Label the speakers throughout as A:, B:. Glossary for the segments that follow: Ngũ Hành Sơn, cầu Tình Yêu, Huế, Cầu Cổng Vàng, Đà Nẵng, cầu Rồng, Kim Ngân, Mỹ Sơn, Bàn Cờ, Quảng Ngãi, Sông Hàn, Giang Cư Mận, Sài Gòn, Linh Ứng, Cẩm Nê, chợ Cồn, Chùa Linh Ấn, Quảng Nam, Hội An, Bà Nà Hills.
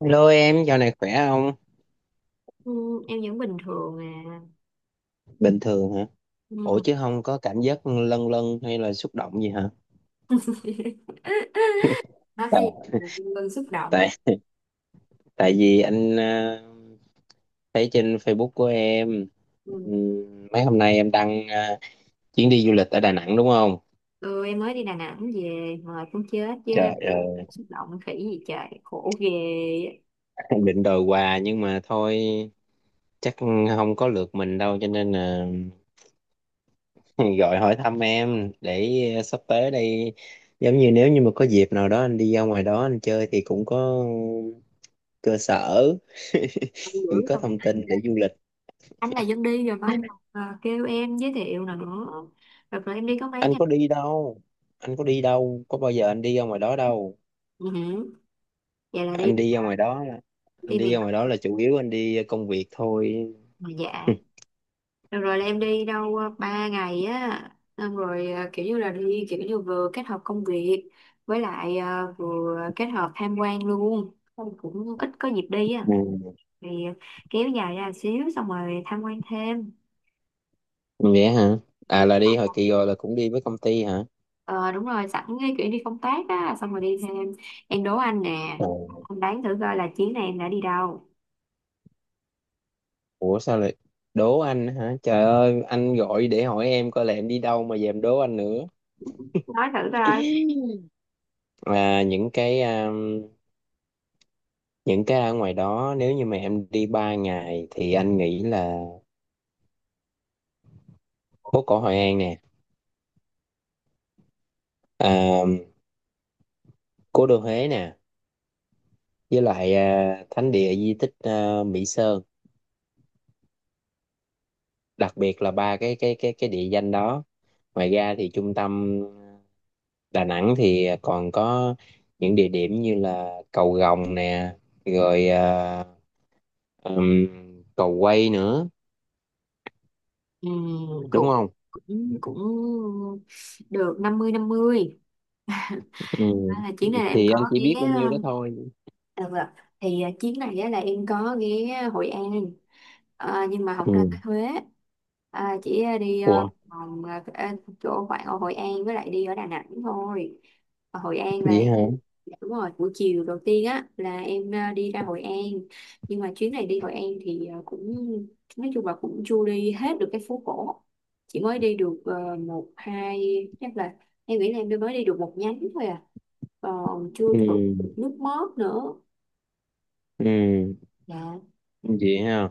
A: Hello em, dạo này khỏe không?
B: Ừ, em vẫn bình thường à.
A: Bình thường hả? Ủa
B: Ừ.
A: chứ không có cảm giác lâng lâng hay là xúc động gì hả?
B: Nói cái
A: Tại
B: gì mà Kim Ngân xúc động đấy.
A: tại tại vì anh thấy trên Facebook của em.
B: Ừ.
A: Mấy hôm nay em đăng chuyến đi du lịch ở Đà Nẵng đúng không?
B: Ừ, em mới đi Đà Nẵng về mà cũng chết chứ,
A: Trời ơi.
B: xúc động khỉ gì trời khổ ghê.
A: Em định đòi quà nhưng mà thôi, chắc không có lượt mình đâu cho nên là gọi hỏi thăm em để sắp tới đây, giống như nếu như mà có dịp nào đó anh đi ra ngoài đó anh chơi thì cũng có cơ sở,
B: Không dữ
A: những có
B: không,
A: thông tin để du lịch.
B: anh là dân đi rồi mà anh còn, kêu em giới thiệu nào nữa. Rồi, em đi có mấy
A: anh
B: ngày.
A: có đi đâu anh có đi đâu có bao giờ anh đi ra ngoài đó đâu.
B: Ừ. Vậy là đi
A: anh đi ra ngoài đó là- anh
B: đi
A: đi
B: miền
A: ra
B: Bắc
A: ngoài đó là chủ yếu anh đi công việc thôi.
B: mà dạ. Được rồi là em đi đâu ba ngày á, xong rồi kiểu như là đi kiểu như vừa kết hợp công việc với lại vừa kết hợp tham quan luôn. Xong cũng ít có dịp đi á
A: Ừ.
B: thì kéo dài ra xíu xong rồi tham quan thêm.
A: Vậy hả? À, là đi hồi kỳ rồi là cũng đi với công ty hả?
B: Ờ Đúng rồi sẵn cái kiểu đi công tác á xong rồi đi thêm. Em đố anh nè,
A: Ồ.
B: anh đoán thử coi là chuyến này em đã đi đâu.
A: Ủa sao lại đố anh hả? Trời ơi, anh gọi để hỏi em coi là em đi đâu mà giờ em đố anh nữa.
B: Nói thử coi.
A: À, những cái ở ngoài đó nếu như mà em đi 3 ngày thì anh nghĩ là phố cổ Hội An nè, à, cố đô Huế nè, với lại à, thánh địa di tích, à, Mỹ Sơn. Đặc biệt là ba cái địa danh đó. Ngoài ra thì trung tâm Đà Nẵng thì còn có những địa điểm như là cầu Rồng nè, rồi à, ừm, cầu Quay nữa,
B: Ừ,
A: đúng
B: cũng
A: không?
B: cũng cũng được 50 50.
A: Ừ.
B: À, là chuyến này là em
A: Thì
B: có
A: anh chỉ
B: ghé.
A: biết bao nhiêu
B: ờ,
A: đó thôi.
B: À, vâng ạ. Thì chuyến này á, là em có ghé Hội An, nhưng mà không ra
A: Ừ.
B: Huế, chỉ đi
A: Ủa
B: vòng, chỗ khoảng ở Hội An với lại đi ở Đà Nẵng thôi. Ở Hội An là
A: vậy hả?
B: dạ, đúng rồi buổi chiều đầu tiên á là em đi ra Hội An. Nhưng mà chuyến này đi Hội An thì cũng nói chung là cũng chưa đi hết được cái phố cổ, chỉ mới đi được một hai, chắc là em nghĩ là em mới đi được một nhánh thôi à, còn chưa
A: Ừ.
B: được nước mót nữa.
A: Ừ.
B: Dạ.
A: Vậy ha,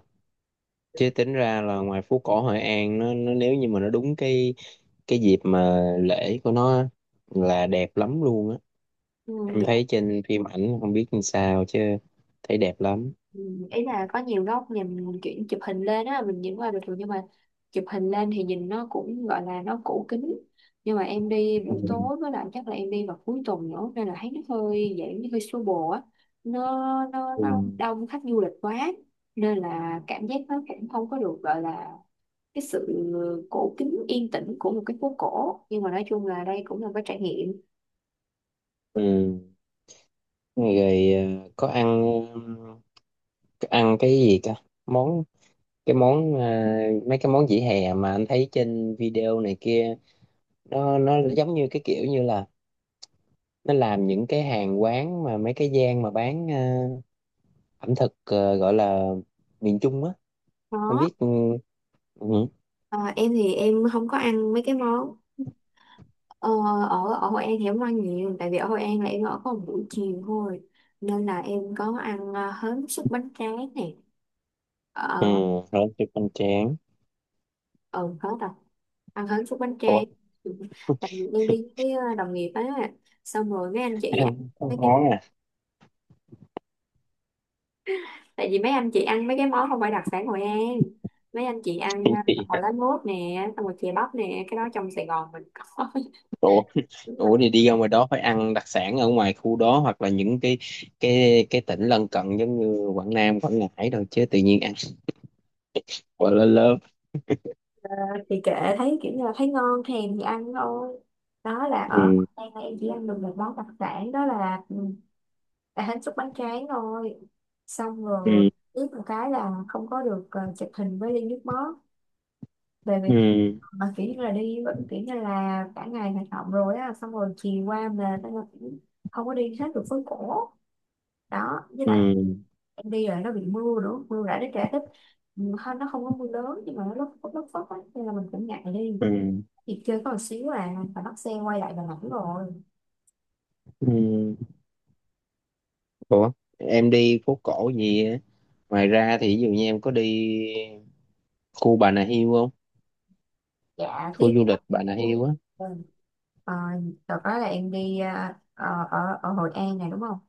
A: chứ tính ra là ngoài phố cổ Hội An, nó nếu như mà nó đúng cái dịp mà lễ của nó á, là đẹp lắm luôn á.
B: Ừ.
A: Em
B: Dạ.
A: thấy trên phim ảnh không biết như sao chứ, thấy đẹp lắm.
B: Ừ, ý là có nhiều góc nhìn chuyển chụp hình lên á, mình nhìn qua bình thường nhưng mà chụp hình lên thì nhìn nó cũng gọi là nó cũ kính, nhưng mà em đi
A: Ừ.
B: buổi tối với lại chắc là em đi vào cuối tuần nữa nên là thấy nó hơi dạng như hơi xô bồ á, nó, nó
A: Ừ.
B: nó đông khách du lịch quá nên là cảm giác nó cũng không có được gọi là cái sự cổ kính yên tĩnh của một cái phố cổ, nhưng mà nói chung là đây cũng là một cái trải nghiệm.
A: Ừ. Rồi, ờ, có ăn có ăn cái gì cả? món cái món, mấy cái món vỉa hè mà anh thấy trên video này kia, nó giống như cái kiểu như là nó làm những cái hàng quán mà mấy cái gian mà bán ẩm thực, gọi là miền Trung á. Không
B: Đó.
A: biết. Ừ, ừ,
B: Ờ, em thì em không có ăn mấy cái món. Ờ, ở ở Hội An thì em không ăn nhiều tại vì ở Hội An là em ở có một buổi chiều thôi, nên là em có ăn hến xúc bánh tráng nè.
A: ừ,
B: Ờ.
A: rồi chụp hoành tráng.
B: Ừ, hết rồi, ăn hến xúc bánh
A: Ủa,
B: tráng. Ừ. Tại vì em đi với đồng nghiệp á, xong rồi mấy anh chị
A: ăn
B: ăn
A: ăn
B: mấy cái.
A: món à?
B: Tại vì mấy anh chị ăn mấy cái món không phải đặc sản Hội An, mấy anh chị ăn bò lá
A: Chị-
B: lốt nè xong rồi chè bắp nè cái đó trong Sài Gòn mình có.
A: ủa
B: Đúng.
A: ủa thì đi ra ngoài đó phải ăn đặc sản ở ngoài khu đó, hoặc là những cái cái tỉnh lân cận giống như Quảng Nam Quảng Ngãi rồi, chứ tự nhiên ăn quá lớn lớn.
B: Thì kệ, thấy kiểu như là thấy ngon thèm thì ăn thôi. Đó là ở
A: Ừ.
B: đây là em chỉ ăn được một món đặc sản đó là là hến xúc bánh tráng thôi. Xong rồi
A: Ừ.
B: ướp một cái là không có được chụp hình với ly nước mắm, bởi vì
A: Ừ.
B: mà kiểu như là đi, kiểu như là cả ngày hoạt động rồi á xong rồi chiều qua mệt, không có đi hết được phố cổ đó với lại
A: Ừ.
B: em đi rồi nó bị mưa nữa, mưa rả nó trẻ thích. Ừ, hơn nó không có mưa lớn nhưng mà nó lất phất á nên là mình cũng ngại đi.
A: Ừ.
B: Chị chơi có một xíu phải bắt xe quay lại Đà Nẵng rồi.
A: Ừ. Ủa em đi phố cổ gì á? Ngoài ra thì ví dụ như em có đi khu Bà Nà Hills không?
B: Dạ,
A: Khu
B: tiếp.
A: du lịch Bà Nà Hills á.
B: Ừ. Ờ, đợt đó là em đi ở ở Hội An này đúng không?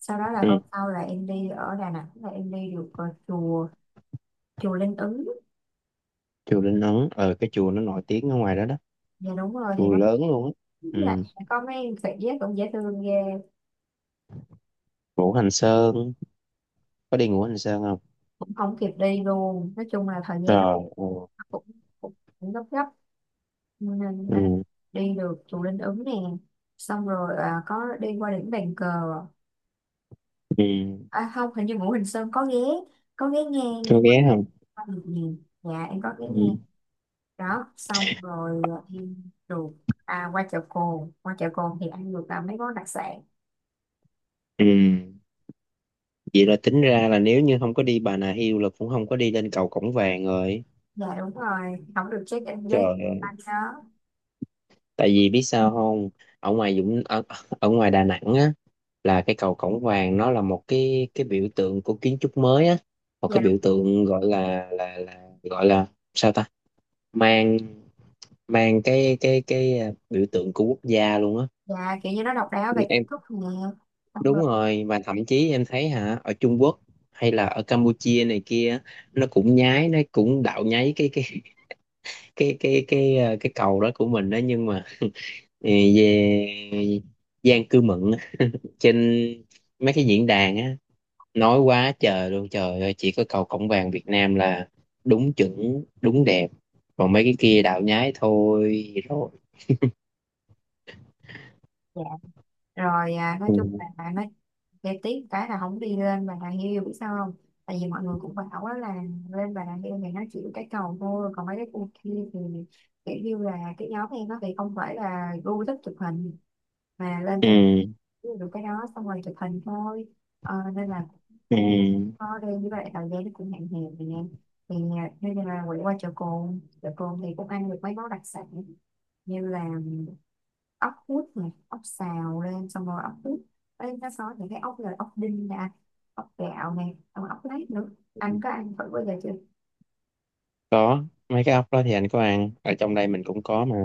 B: Sau đó là
A: Ừ,
B: hôm sau là em đi ở Đà Nẵng là em đi được chùa chùa Linh Ứng.
A: chùa Linh Ấn, cái chùa nó nổi tiếng ở ngoài đó đó.
B: Dạ đúng rồi thì
A: Chùa
B: nó
A: lớn luôn á.
B: lại
A: Ừ.
B: có mấy khỉ á, cũng dễ thương ghê.
A: Ngũ Hành Sơn, có đi Ngũ Hành Sơn không?
B: Cũng không kịp đi luôn. Nói chung là thời gian nó
A: Rồi. Ừ,
B: cũng cũng, cũng gấp gấp nên
A: ừ,
B: đi được chùa Linh Ứng nè. Xong rồi có đi qua đỉnh Bàn Cờ.
A: ừ,
B: Không, hình như Ngũ Hành Sơn có ghé, có ghé nghe
A: có
B: nhưng mà
A: ghé không?
B: không được nhiều. Dạ em có ghé nghe.
A: Ừ.
B: Đó xong rồi đi ruột, qua chợ Cồn thì ăn được mấy món đặc sản.
A: Ừ. Vậy là tính ra là nếu như không có đi Bà Nà Hills là cũng không có đi lên cầu Cổng Vàng rồi.
B: Dạ đúng rồi không được check in
A: Trời
B: với
A: ơi,
B: anh đó.
A: tại vì biết sao không? Ở ngoài Dũng ở, ở ngoài Đà Nẵng á, là cái cầu Cổng Vàng nó là một cái biểu tượng của kiến trúc mới á, một
B: Dạ
A: cái
B: đúng.
A: biểu tượng gọi là sao ta? Mang mang cái à, biểu tượng của quốc gia luôn á.
B: Dạ kiểu như nó độc đáo về kiến
A: Em
B: trúc nè, xong rồi.
A: Đúng rồi, và thậm chí em thấy hả, ở Trung Quốc hay là ở Campuchia này kia, nó cũng nhái, nó cũng đạo nháy cái cái cầu đó của mình đó, nhưng mà ờ, về Giang Cư Mận á, trên mấy cái diễn đàn á, nói quá trời luôn, trời ơi, chỉ có cầu Cổng Vàng Việt Nam là đúng chuẩn đúng đẹp, còn mấy cái kia đạo nhái thôi rồi.
B: Dạ rồi nói chung là bạn nói để tiếc cái là không đi lên Bà Nà Hills biết sao không, tại vì mọi người cũng bảo á là lên Bà Nà Hills thì nó chỉ cái cầu thôi còn mấy cái khu kia thì kiểu như là cái nhóm em nó thì không phải là gu thích chụp hình mà lên
A: Ừ.
B: trên được cái đó xong rồi chụp hình thôi. Nên là
A: Ừ.
B: thôi đi như vậy thời gian nó cũng hạn hẹp nè, thì bây là quay qua chợ cồn, chợ cồn thì cũng ăn được mấy món đặc sản như là ốc hút này, ốc xào lên xong rồi ốc hút. Bên nó có những cái ốc là ốc đinh nè, ốc gạo nè xong rồi ốc lát nữa. Anh có ăn thử bao giờ chưa?
A: Có, mấy cái ốc đó thì anh có ăn, ở trong đây mình cũng có mà.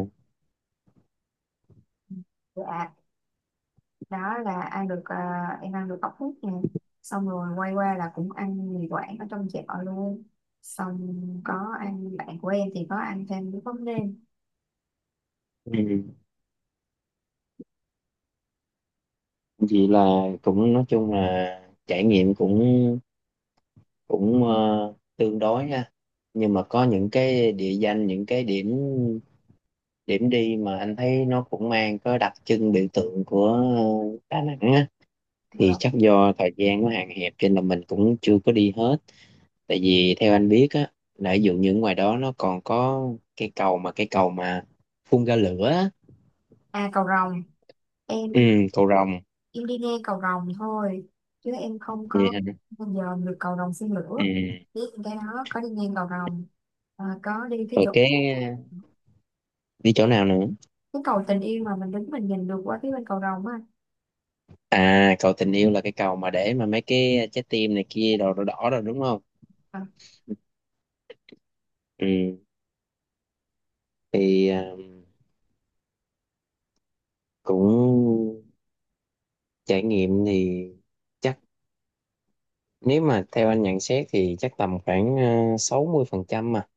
B: Dạ đó là ăn được em ăn được ốc hút nè, xong rồi quay qua là cũng ăn mì quảng ở trong chợ luôn. Xong có ăn, bạn của em thì có ăn thêm cái món nêm.
A: Ừ. Vậy là cũng nói chung là trải nghiệm cũng cũng ờ, tương đối ha. Nhưng mà có những cái địa danh, những cái điểm điểm đi mà anh thấy nó cũng mang có đặc trưng biểu tượng của Đà Nẵng á, thì
B: Dạ.
A: chắc do thời gian nó hạn hẹp cho nên là mình cũng chưa có đi hết. Tại vì theo anh biết á, là ví dụ như ngoài đó nó còn có cái cầu mà phun ra lửa á.
B: À cầu rồng,
A: Ừ,
B: em
A: cầu Rồng.
B: em đi nghe cầu rồng thôi chứ em không
A: Vậy
B: có
A: hả?
B: bao giờ được cầu rồng xin
A: Ừ.
B: lửa, biết cái đó có đi ngang cầu rồng, có đi cái
A: Rồi
B: chỗ
A: cái đi chỗ nào nữa?
B: cái cầu tình yêu mà mình đứng mình nhìn được qua phía bên cầu rồng á.
A: À, cầu tình yêu là cái cầu mà để mà mấy cái trái tim này kia đỏ đỏ đỏ rồi, đúng không?
B: À,
A: Ừ, thì à, cũng trải nghiệm thì chắc, nếu mà theo anh nhận xét thì chắc tầm khoảng à, 60% mà.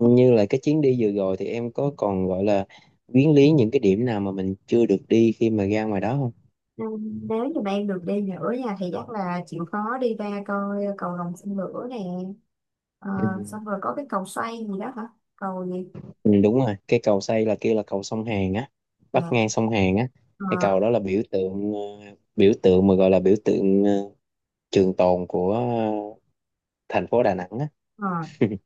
A: Như là cái chuyến đi vừa rồi thì em có còn gọi là quyến lý những cái điểm nào mà mình chưa được đi khi mà ra ngoài đó không?
B: nếu như mà em được đi nữa nha thì chắc là chịu khó đi ra coi cầu rồng xin lửa nè. Ờ,
A: Ừ.
B: xong rồi có cái cầu xoay gì đó hả, cầu gì?
A: Ừ, đúng rồi, cái cầu xây là kia là cầu sông Hàn á, bắt
B: Dạ.
A: ngang sông Hàn á.
B: Ờ,
A: Cái cầu đó là biểu tượng, biểu tượng mà gọi là biểu tượng à, trường tồn của thành phố Đà Nẵng á.
B: ờ.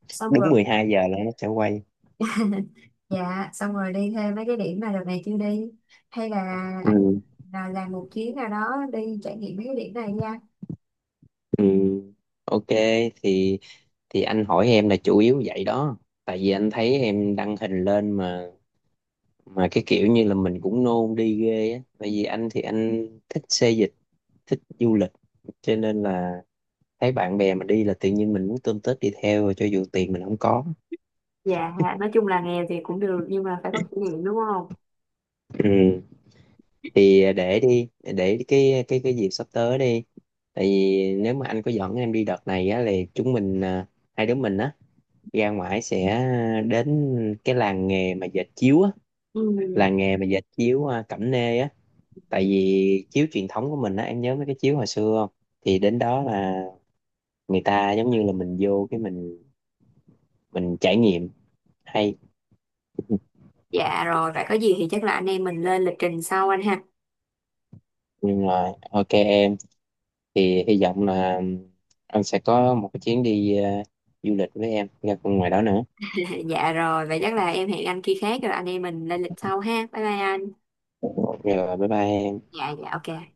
B: Xong
A: Đúng
B: rồi.
A: 12 giờ là nó sẽ quay.
B: Dạ xong rồi đi thêm mấy cái điểm mà đợt này chưa đi hay là anh
A: Ừ.
B: là làm một chuyến nào đó đi trải nghiệm mấy cái điểm này nha.
A: Ừ. OK, thì thì anh hỏi em là chủ yếu vậy đó. Tại vì anh thấy em đăng hình lên, mà cái kiểu như là mình cũng nôn đi ghê á. Tại vì anh thì anh thích xê dịch, thích du lịch, cho nên là thấy bạn bè mà đi là tự nhiên mình muốn tôm tết đi theo rồi, cho dù tiền mình không có.
B: Dạ, nói chung là nghèo thì cũng được nhưng mà phải có kỷ niệm đúng không?
A: Ừ. Thì để cái dịp sắp tới đi, tại vì nếu mà anh có dẫn em đi đợt này á thì chúng mình à, hai đứa mình á, ra ngoài sẽ đến cái làng nghề mà dệt chiếu á,
B: Ừ.
A: làng nghề mà dệt chiếu à, Cẩm Nê á. Tại vì chiếu truyền thống của mình á, em nhớ mấy cái chiếu hồi xưa không? Thì đến đó là, người ta giống như là mình vô cái mình trải nghiệm, hay.
B: Dạ rồi, vậy có gì thì chắc là anh em mình lên lịch trình sau anh ha.
A: Nhưng mà OK em, thì hy vọng là anh sẽ có một cái chuyến đi à, du lịch với em ra ngoài đó nữa.
B: Dạ rồi, vậy chắc là em hẹn anh khi khác rồi anh em mình lên lịch sau ha. Bye bye anh.
A: Rồi, bye bye em.
B: Dạ, dạ ok.